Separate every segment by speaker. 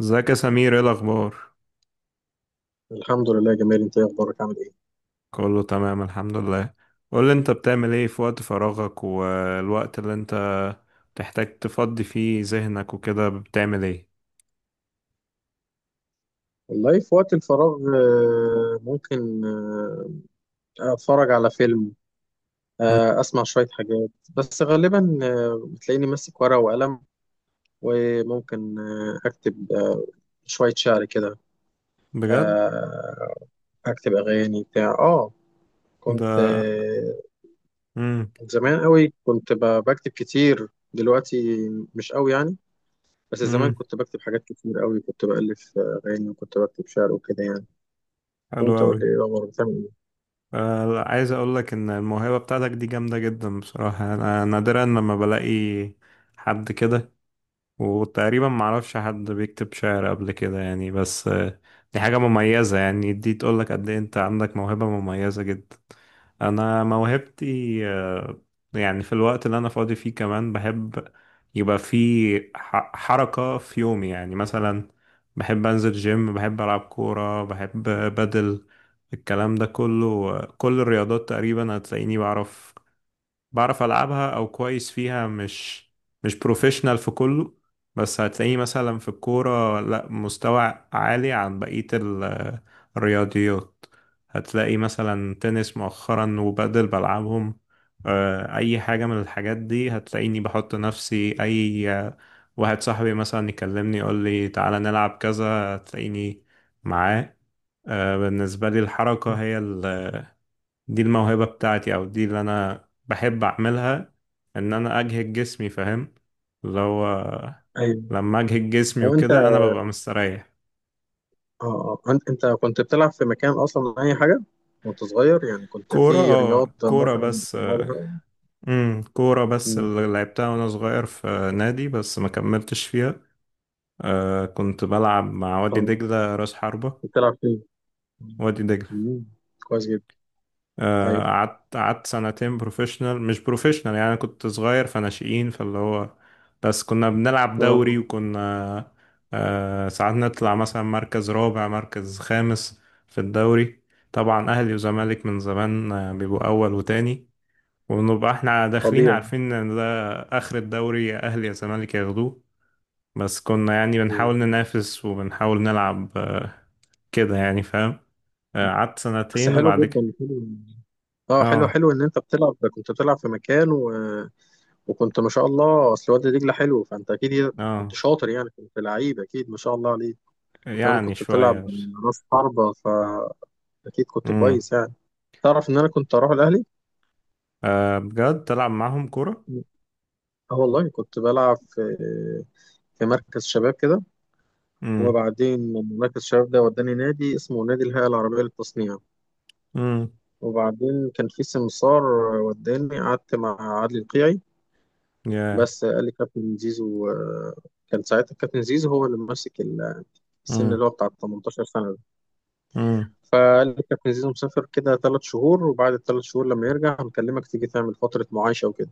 Speaker 1: ازيك يا سمير؟ ايه الاخبار؟
Speaker 2: الحمد لله، جميل. انت ايه اخبارك، عامل ايه؟
Speaker 1: كله تمام الحمد لله. قول لي، انت بتعمل ايه في وقت فراغك والوقت اللي انت بتحتاج تفضي فيه ذهنك وكده؟ بتعمل ايه؟
Speaker 2: والله في وقت الفراغ ممكن اتفرج على فيلم.
Speaker 1: مم.
Speaker 2: اسمع شوية حاجات. بس غالبا بتلاقيني ماسك ورقة وقلم، وممكن اكتب شوية شعر كده.
Speaker 1: بجد؟
Speaker 2: آه، اكتب اغاني بتاع كنت
Speaker 1: ده امم
Speaker 2: زمان قوي كنت بكتب كتير، دلوقتي مش قوي يعني. بس زمان
Speaker 1: امم
Speaker 2: كنت بكتب حاجات كتير قوي، كنت بألف اغاني، وكنت بكتب شعر وكده يعني.
Speaker 1: حلو
Speaker 2: وانت قول
Speaker 1: قوي.
Speaker 2: لي ايه الاخبار، بتعمل ايه؟
Speaker 1: عايز اقول لك ان الموهبه بتاعتك دي جامده جدا بصراحه. انا نادرا لما بلاقي حد كده، وتقريبا معرفش حد بيكتب شعر قبل كده يعني، بس دي حاجة مميزة. يعني دي تقولك قد ايه انت عندك موهبة مميزة جدا. انا موهبتي، يعني في الوقت اللي انا فاضي فيه كمان، بحب يبقى في حركة في يومي. يعني مثلا بحب انزل جيم، بحب العب كورة، بحب بدل الكلام ده كله. كل الرياضات تقريبا هتلاقيني بعرف ألعبها أو كويس فيها، مش بروفيشنال في كله، بس هتلاقيه مثلا في الكورة لا، مستوى عالي عن بقية الرياضيات. هتلاقي مثلا تنس مؤخرا وبادل بلعبهم. أي حاجة من الحاجات دي هتلاقيني بحط نفسي أي، واحد صاحبي مثلا يكلمني يقول لي تعالى نلعب كذا، هتلاقيني معاه. بالنسبة لي الحركة هي دي الموهبة بتاعتي، او دي اللي انا بحب اعملها. ان انا اجهد جسمي، فاهم؟ اللي هو
Speaker 2: ايوه.
Speaker 1: لما اجهد جسمي
Speaker 2: هو انت
Speaker 1: وكده انا ببقى مستريح.
Speaker 2: اه آه. انت أنت كنت بتلعب في مكان اصلا اي حاجه وانت صغير؟ يعني كنت
Speaker 1: كورة.
Speaker 2: في
Speaker 1: اه
Speaker 2: رياضه
Speaker 1: كورة
Speaker 2: مثلا
Speaker 1: بس.
Speaker 2: بتلعبها؟
Speaker 1: امم، كورة بس
Speaker 2: مم.
Speaker 1: اللي لعبتها وانا صغير في نادي، بس ما كملتش فيها. آه كنت بلعب مع وادي
Speaker 2: آه.
Speaker 1: دجلة، راس حربة.
Speaker 2: كنت بتلعب فين؟
Speaker 1: وادي دجلة.
Speaker 2: مم. كويس جدا. ايوه،
Speaker 1: قعدت سنتين بروفيشنال مش بروفيشنال يعني، أنا كنت صغير فناشئين، فاللي هو بس كنا بنلعب
Speaker 2: آه،
Speaker 1: دوري،
Speaker 2: آه.
Speaker 1: وكنا، ساعات نطلع مثلا مركز رابع مركز خامس في الدوري. طبعا أهلي وزمالك من زمان، بيبقوا أول وتاني، ونبقى احنا داخلين
Speaker 2: طبيعي.
Speaker 1: عارفين ان ده آخر الدوري، يا أهلي يا زمالك ياخدوه. بس كنا يعني بنحاول
Speaker 2: مم.
Speaker 1: ننافس وبنحاول نلعب، كده يعني، فاهم؟ قعدت
Speaker 2: بس
Speaker 1: سنتين
Speaker 2: حلو
Speaker 1: وبعد كده
Speaker 2: جدا، حلو. اه، حلو
Speaker 1: اه.
Speaker 2: حلو ان انت كنت بتلعب في مكان وكنت ما شاء الله، اصل وادي دجله حلو، فانت اكيد كنت
Speaker 1: اه
Speaker 2: شاطر يعني، كنت لعيب اكيد، ما شاء الله عليك. وكمان
Speaker 1: يعني
Speaker 2: كنت
Speaker 1: شوية
Speaker 2: بتلعب
Speaker 1: بس.
Speaker 2: راس حربة، فاكيد كنت
Speaker 1: امم.
Speaker 2: كويس يعني. تعرف ان انا كنت اروح الاهلي.
Speaker 1: آه بجد تلعب معاهم كورة؟
Speaker 2: اه، والله كنت بلعب في مركز شباب كده،
Speaker 1: امم.
Speaker 2: وبعدين من مركز الشباب ده وداني نادي اسمه نادي الهيئه العربيه للتصنيع.
Speaker 1: امم.
Speaker 2: وبعدين كان في سمسار وداني، قعدت مع عادل القيعي.
Speaker 1: يا.
Speaker 2: بس قال لي كابتن زيزو، كان ساعتها كابتن زيزو هو اللي ماسك السن
Speaker 1: امم.
Speaker 2: اللي هو بتاع 18 سنه ده.
Speaker 1: امم.
Speaker 2: فقال لي كابتن زيزو مسافر كده 3 شهور، وبعد الـ3 شهور لما يرجع هنكلمك تيجي تعمل فتره معايشه وكده.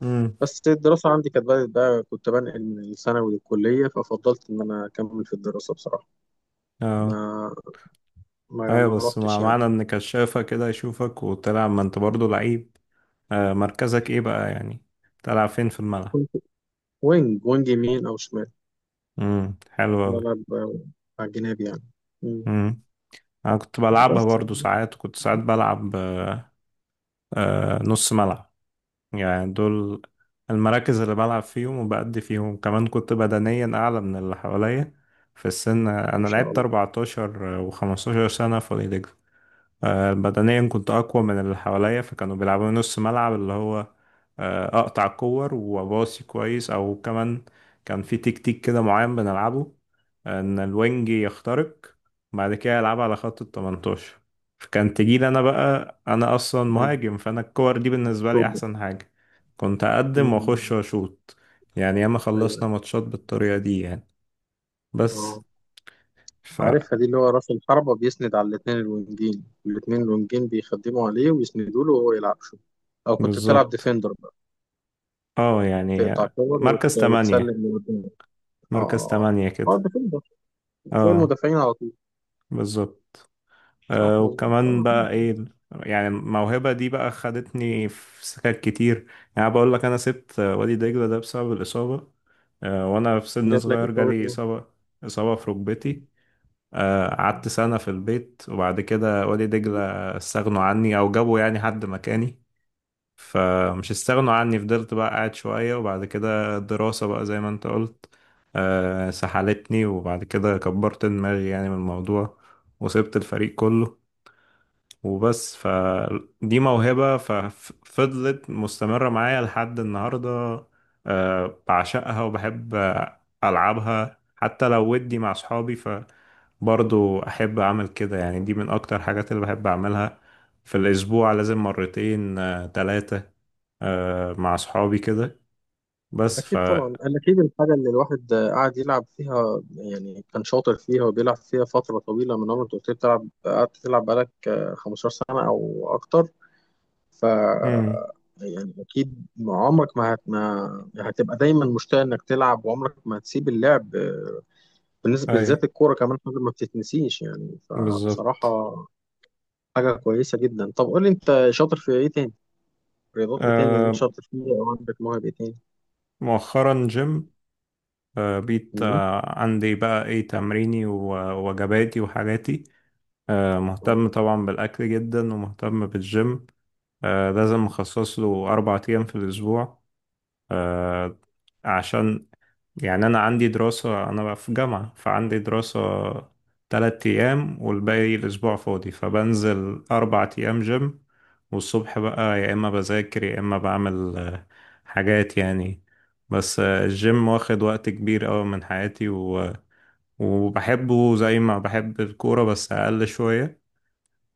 Speaker 1: امم.
Speaker 2: بس الدراسة عندي كانت بدأت بقى، كنت بنقل من الثانوي للكلية، ففضلت إن أنا أكمل في الدراسة بصراحة.
Speaker 1: اه.
Speaker 2: ما ما
Speaker 1: ايوه،
Speaker 2: ما
Speaker 1: بس مع
Speaker 2: روحتش يعني.
Speaker 1: معنى ان كشافة كده يشوفك وتلعب، ما انت برضه لعيب. آه مركزك ايه بقى يعني؟ تلعب فين في الملعب؟
Speaker 2: كنت وينج، وينج يمين أو شمال،
Speaker 1: امم، حلو اوي.
Speaker 2: بلعب على الجناب يعني. مم.
Speaker 1: امم، انا كنت بلعبها
Speaker 2: بس
Speaker 1: برضه ساعات، وكنت ساعات بلعب آه نص ملعب. يعني دول المراكز اللي بلعب فيهم وبأدي فيهم. كمان كنت بدنيا أعلى من اللي حواليا في السن.
Speaker 2: ما
Speaker 1: أنا
Speaker 2: شاء
Speaker 1: لعبت
Speaker 2: الله.
Speaker 1: 14 و15 سنة في، بدنيا كنت أقوى من اللي حواليا، فكانوا بيلعبوني نص ملعب. اللي هو أقطع كور وأباصي كويس أو كمان. كان في تكتيك كده معين بنلعبه، إن الوينج يخترق، بعد كده يلعب على خط ال 18، فكان تجيلي أنا بقى. أنا أصلا
Speaker 2: مم.
Speaker 1: مهاجم، فأنا الكور دي بالنسبة لي
Speaker 2: شوط
Speaker 1: أحسن
Speaker 2: بقى.
Speaker 1: حاجة. كنت أقدم وأخش
Speaker 2: مم.
Speaker 1: وأشوط. يعني ياما
Speaker 2: أيوه
Speaker 1: خلصنا
Speaker 2: أيوه.
Speaker 1: ماتشات بالطريقة دي يعني. بس
Speaker 2: أه،
Speaker 1: ف.
Speaker 2: عارفها دي، اللي هو راس الحربة بيسند على الاتنين الوينجين، بيخدموا عليه ويسندوا له وهو يلعب شوط. أو كنت بتلعب
Speaker 1: بالظبط.
Speaker 2: ديفندر بقى،
Speaker 1: اه يعني.
Speaker 2: تقطع كور
Speaker 1: مركز تمانية.
Speaker 2: وتسلم لقدام. أه
Speaker 1: مركز
Speaker 2: أه
Speaker 1: تمانية
Speaker 2: أه،
Speaker 1: كده.
Speaker 2: defender فوق
Speaker 1: اه،
Speaker 2: المدافعين على طول.
Speaker 1: بالظبط.
Speaker 2: صح،
Speaker 1: آه،
Speaker 2: مظبوط.
Speaker 1: وكمان
Speaker 2: اه،
Speaker 1: بقى ايه؟ يعني الموهبة دي بقى خدتني في سكات كتير. يعني بقول لك، انا سبت، وادي دجلة ده بسبب الإصابة. آه وانا في سن
Speaker 2: جات لك
Speaker 1: صغير
Speaker 2: اصابه
Speaker 1: جالي
Speaker 2: ايه؟
Speaker 1: إصابة، إصابة في ركبتي. آه قعدت سنة في البيت، وبعد كده وادي دجلة
Speaker 2: مم.
Speaker 1: استغنوا عني او جابوا يعني حد مكاني. فمش استغنوا عني، فضلت بقى قاعد شوية، وبعد كده الدراسة بقى زي ما انت قلت سحلتني. وبعد كده كبرت دماغي يعني من الموضوع، وسبت الفريق كله، وبس. فدي موهبة ففضلت مستمرة معايا لحد النهاردة. بعشقها وبحب ألعبها حتى لو ودي مع صحابي، فبرضو أحب أعمل كده. يعني دي من أكتر حاجات اللي بحب أعملها. في الأسبوع لازم مرتين، ثلاثة، آه مع أصحابي كده. بس ف.
Speaker 2: اكيد طبعا، أنا اكيد الحاجه اللي الواحد قعد يلعب فيها، يعني كان شاطر فيها وبيلعب فيها فتره طويله من عمرك، كنت بتلعب قعدت تلعب بقالك 15 سنه او اكتر. ف
Speaker 1: مم.
Speaker 2: يعني اكيد ما عمرك ما هتبقى دايما مشتاق انك تلعب، وعمرك ما هتسيب اللعب. بالنسبه
Speaker 1: أي.
Speaker 2: بالذات الكوره، كمان حاجه ما بتتنسيش يعني. فبصراحه
Speaker 1: بالظبط.
Speaker 2: حاجه كويسه جدا. طب قول لي انت شاطر في ايه تاني؟ رياضات ايه تاني اللي انت
Speaker 1: آه
Speaker 2: شاطر فيه؟ او عندك موهبة ايه تاني؟
Speaker 1: مؤخرا جيم. آه بقيت
Speaker 2: مم.
Speaker 1: آه عندي بقى إيه، تمريني ووجباتي وحاجاتي. آه
Speaker 2: اه،
Speaker 1: مهتم طبعا بالأكل جدا، ومهتم بالجيم. آه لازم أخصص له أربع أيام في الأسبوع، آه عشان يعني أنا عندي دراسة، أنا بقى في جامعة فعندي دراسة تلات أيام، والباقي الأسبوع فاضي، فبنزل أربع أيام جيم. والصبح بقى يا إما بذاكر يا إما بعمل حاجات يعني. بس الجيم واخد وقت كبير أوي من حياتي، و... وبحبه زي ما بحب الكورة بس أقل شوية.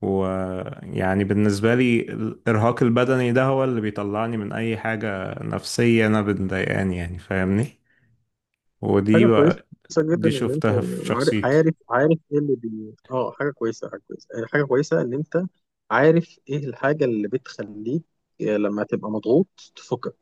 Speaker 1: ويعني بالنسبة لي الإرهاق البدني ده هو اللي بيطلعني من أي حاجة نفسية أنا بتضايقاني، يعني فاهمني؟ ودي
Speaker 2: حاجة كويسة جدا
Speaker 1: دي
Speaker 2: ان انت
Speaker 1: شفتها في
Speaker 2: عارف
Speaker 1: شخصيتي.
Speaker 2: عارف عارف ايه اللي بي اه حاجة كويسة ان انت عارف ايه الحاجة اللي بتخليك لما تبقى مضغوط تفكك.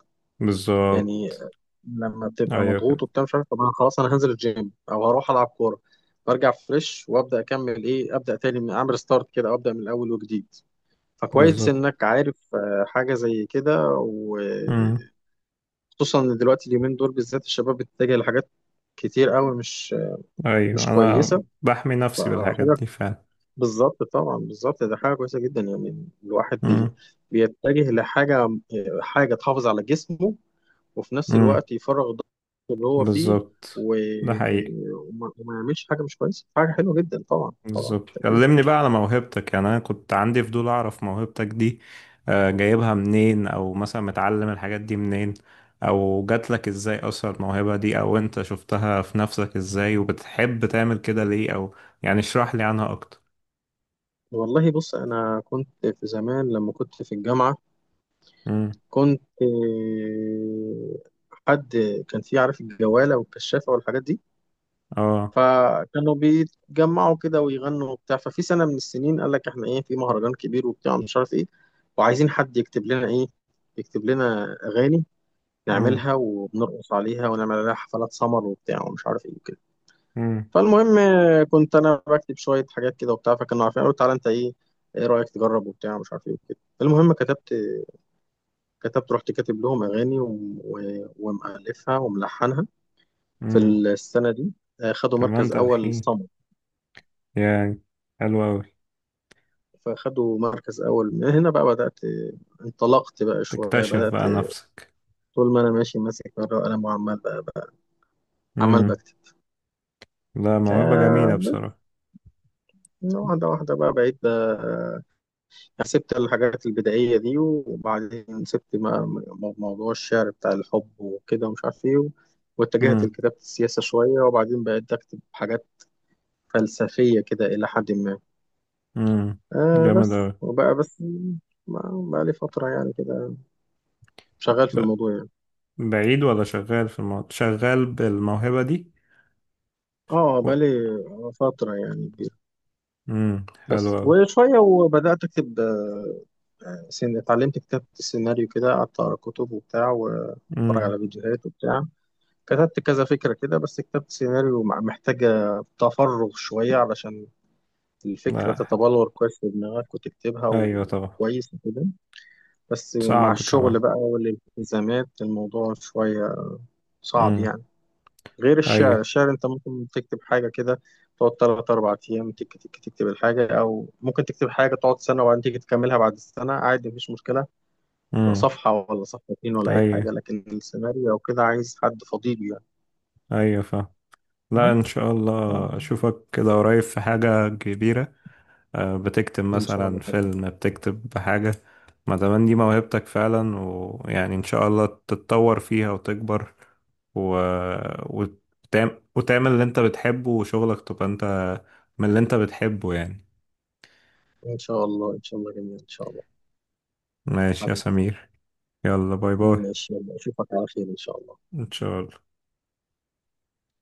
Speaker 2: يعني
Speaker 1: بالظبط.
Speaker 2: لما بتبقى
Speaker 1: ايوه كده.
Speaker 2: مضغوط وبتاع مش عارف، طب انا خلاص هنزل الجيم او هروح العب كورة، برجع فريش وابدا اكمل ايه، ابدا تاني من اعمل ستارت كده، او ابدا من الاول وجديد. فكويس
Speaker 1: بالظبط.
Speaker 2: انك عارف حاجة زي كده.
Speaker 1: امم.
Speaker 2: خصوصا ان دلوقتي اليومين دول بالذات الشباب بتتجه لحاجات كتير قوي،
Speaker 1: ايوه
Speaker 2: مش
Speaker 1: انا
Speaker 2: كويسه
Speaker 1: بحمي نفسي بالحاجات
Speaker 2: حاجه.
Speaker 1: دي فعلا.
Speaker 2: بالظبط، طبعا بالظبط، ده حاجه كويسه جدا. يعني الواحد
Speaker 1: امم.
Speaker 2: بيتجه لحاجه، حاجه تحافظ على جسمه، وفي نفس
Speaker 1: امم.
Speaker 2: الوقت يفرغ الضغط اللي هو فيه،
Speaker 1: بالظبط.
Speaker 2: و...
Speaker 1: ده حقيقي.
Speaker 2: وما يعملش حاجه مش كويسه. حاجه حلوه جدا طبعا، طبعا
Speaker 1: بالظبط.
Speaker 2: اكيد.
Speaker 1: كلمني بقى على موهبتك. يعني انا كنت عندي فضول اعرف موهبتك دي، جايبها منين، او مثلا متعلم الحاجات دي منين، او جات لك ازاي اصلا الموهبة دي، او انت شفتها في نفسك ازاي وبتحب تعمل كده ليه، او يعني اشرح لي عنها اكتر.
Speaker 2: والله بص، انا كنت في زمان لما كنت في الجامعه،
Speaker 1: امم.
Speaker 2: كنت حد كان في عارف الجواله والكشافه والحاجات دي.
Speaker 1: اه.
Speaker 2: فكانوا بيتجمعوا كده ويغنوا وبتاع. ففي سنة من السنين قال لك احنا ايه، في مهرجان كبير وبتاع مش عارف ايه، وعايزين حد يكتب لنا ايه، يكتب لنا اغاني
Speaker 1: امم.
Speaker 2: نعملها وبنرقص عليها ونعمل عليها حفلات سمر وبتاع ومش عارف ايه وكده. فالمهم كنت انا بكتب شوية حاجات كده وبتاع، فكانوا عارفين قالوا تعالى انت، ايه ايه رأيك تجرب وبتاع مش عارف ايه وكده. المهم كتبت رحت كاتب لهم اغاني ومؤلفها وملحنها. في
Speaker 1: امم.
Speaker 2: السنة دي خدوا
Speaker 1: كمان
Speaker 2: مركز اول
Speaker 1: تلحين؟
Speaker 2: سمر.
Speaker 1: يعني حلو أوي.
Speaker 2: فخدوا مركز أول، من هنا بقى بدأت، انطلقت بقى شوية،
Speaker 1: تكتشف
Speaker 2: بدأت.
Speaker 1: بقى نفسك.
Speaker 2: طول ما أنا ماشي ماسك ورقة وقلم وعمال بقى عمال
Speaker 1: امم.
Speaker 2: بكتب.
Speaker 1: لا موهبة جميلة
Speaker 2: آه،
Speaker 1: بصراحة.
Speaker 2: بس واحدة واحدة بقى، بقيت سبت الحاجات البدائية دي، وبعدين سبت موضوع الشعر بتاع الحب وكده ومش عارف إيه، واتجهت
Speaker 1: امم.
Speaker 2: لكتابة السياسة شوية، وبعدين بقيت أكتب حاجات فلسفية كده إلى حد ما.
Speaker 1: امم.
Speaker 2: آه،
Speaker 1: جامد أوي.
Speaker 2: بس بقى لي فترة يعني كده شغال في
Speaker 1: ب-
Speaker 2: الموضوع يعني.
Speaker 1: بعيد ولا شغال في الموضوع؟ شغال بالموهبة دي
Speaker 2: اه،
Speaker 1: و...
Speaker 2: بقالي فترة يعني كبيرة. بس
Speaker 1: حلو أوي.
Speaker 2: وشوية وبدأت أكتب اتعلمت كتابة السيناريو كده، قعدت أقرأ كتب وبتاع وأتفرج
Speaker 1: امم.
Speaker 2: على فيديوهات وبتاع. كتبت كذا فكرة كده. بس كتابة السيناريو محتاجة تفرغ شوية علشان الفكرة
Speaker 1: لا
Speaker 2: تتبلور كويس في دماغك وتكتبها
Speaker 1: أيوة طبعا.
Speaker 2: وكويس وكده. بس مع
Speaker 1: صعب كمان.
Speaker 2: الشغل بقى والالتزامات، الموضوع شوية صعب
Speaker 1: امم.
Speaker 2: يعني. غير
Speaker 1: أيوة.
Speaker 2: الشعر، انت ممكن تكتب حاجة كده، تقعد تلات أربع أيام تك تك تكتب الحاجة، أو ممكن تكتب حاجة تقعد سنة وبعدين تيجي تكملها بعد السنة عادي مفيش مشكلة. بقى
Speaker 1: امم.
Speaker 2: صفحة ولا صفحتين ولا أي حاجة.
Speaker 1: أيوة
Speaker 2: لكن السيناريو أو كده عايز حد فضيل يعني.
Speaker 1: أيوة فاهم. لا إن
Speaker 2: بس
Speaker 1: شاء
Speaker 2: ف-
Speaker 1: الله أشوفك كده قريب في حاجة كبيرة. آه، بتكتب
Speaker 2: إن شاء
Speaker 1: مثلا
Speaker 2: الله كده.
Speaker 1: فيلم، بتكتب حاجة؟ ما دام دي موهبتك فعلا، ويعني ان شاء الله تتطور فيها وتكبر، و... وتعمل... وتعمل اللي انت بتحبه، وشغلك تبقى انت من اللي انت بتحبه يعني.
Speaker 2: إن شاء الله، إن شاء الله، جميل، إن شاء الله.
Speaker 1: ماشي يا
Speaker 2: حبيبي،
Speaker 1: سمير. يلا، باي باي.
Speaker 2: ماشي، يلا أشوفك على خير إن شاء الله.
Speaker 1: ان شاء الله.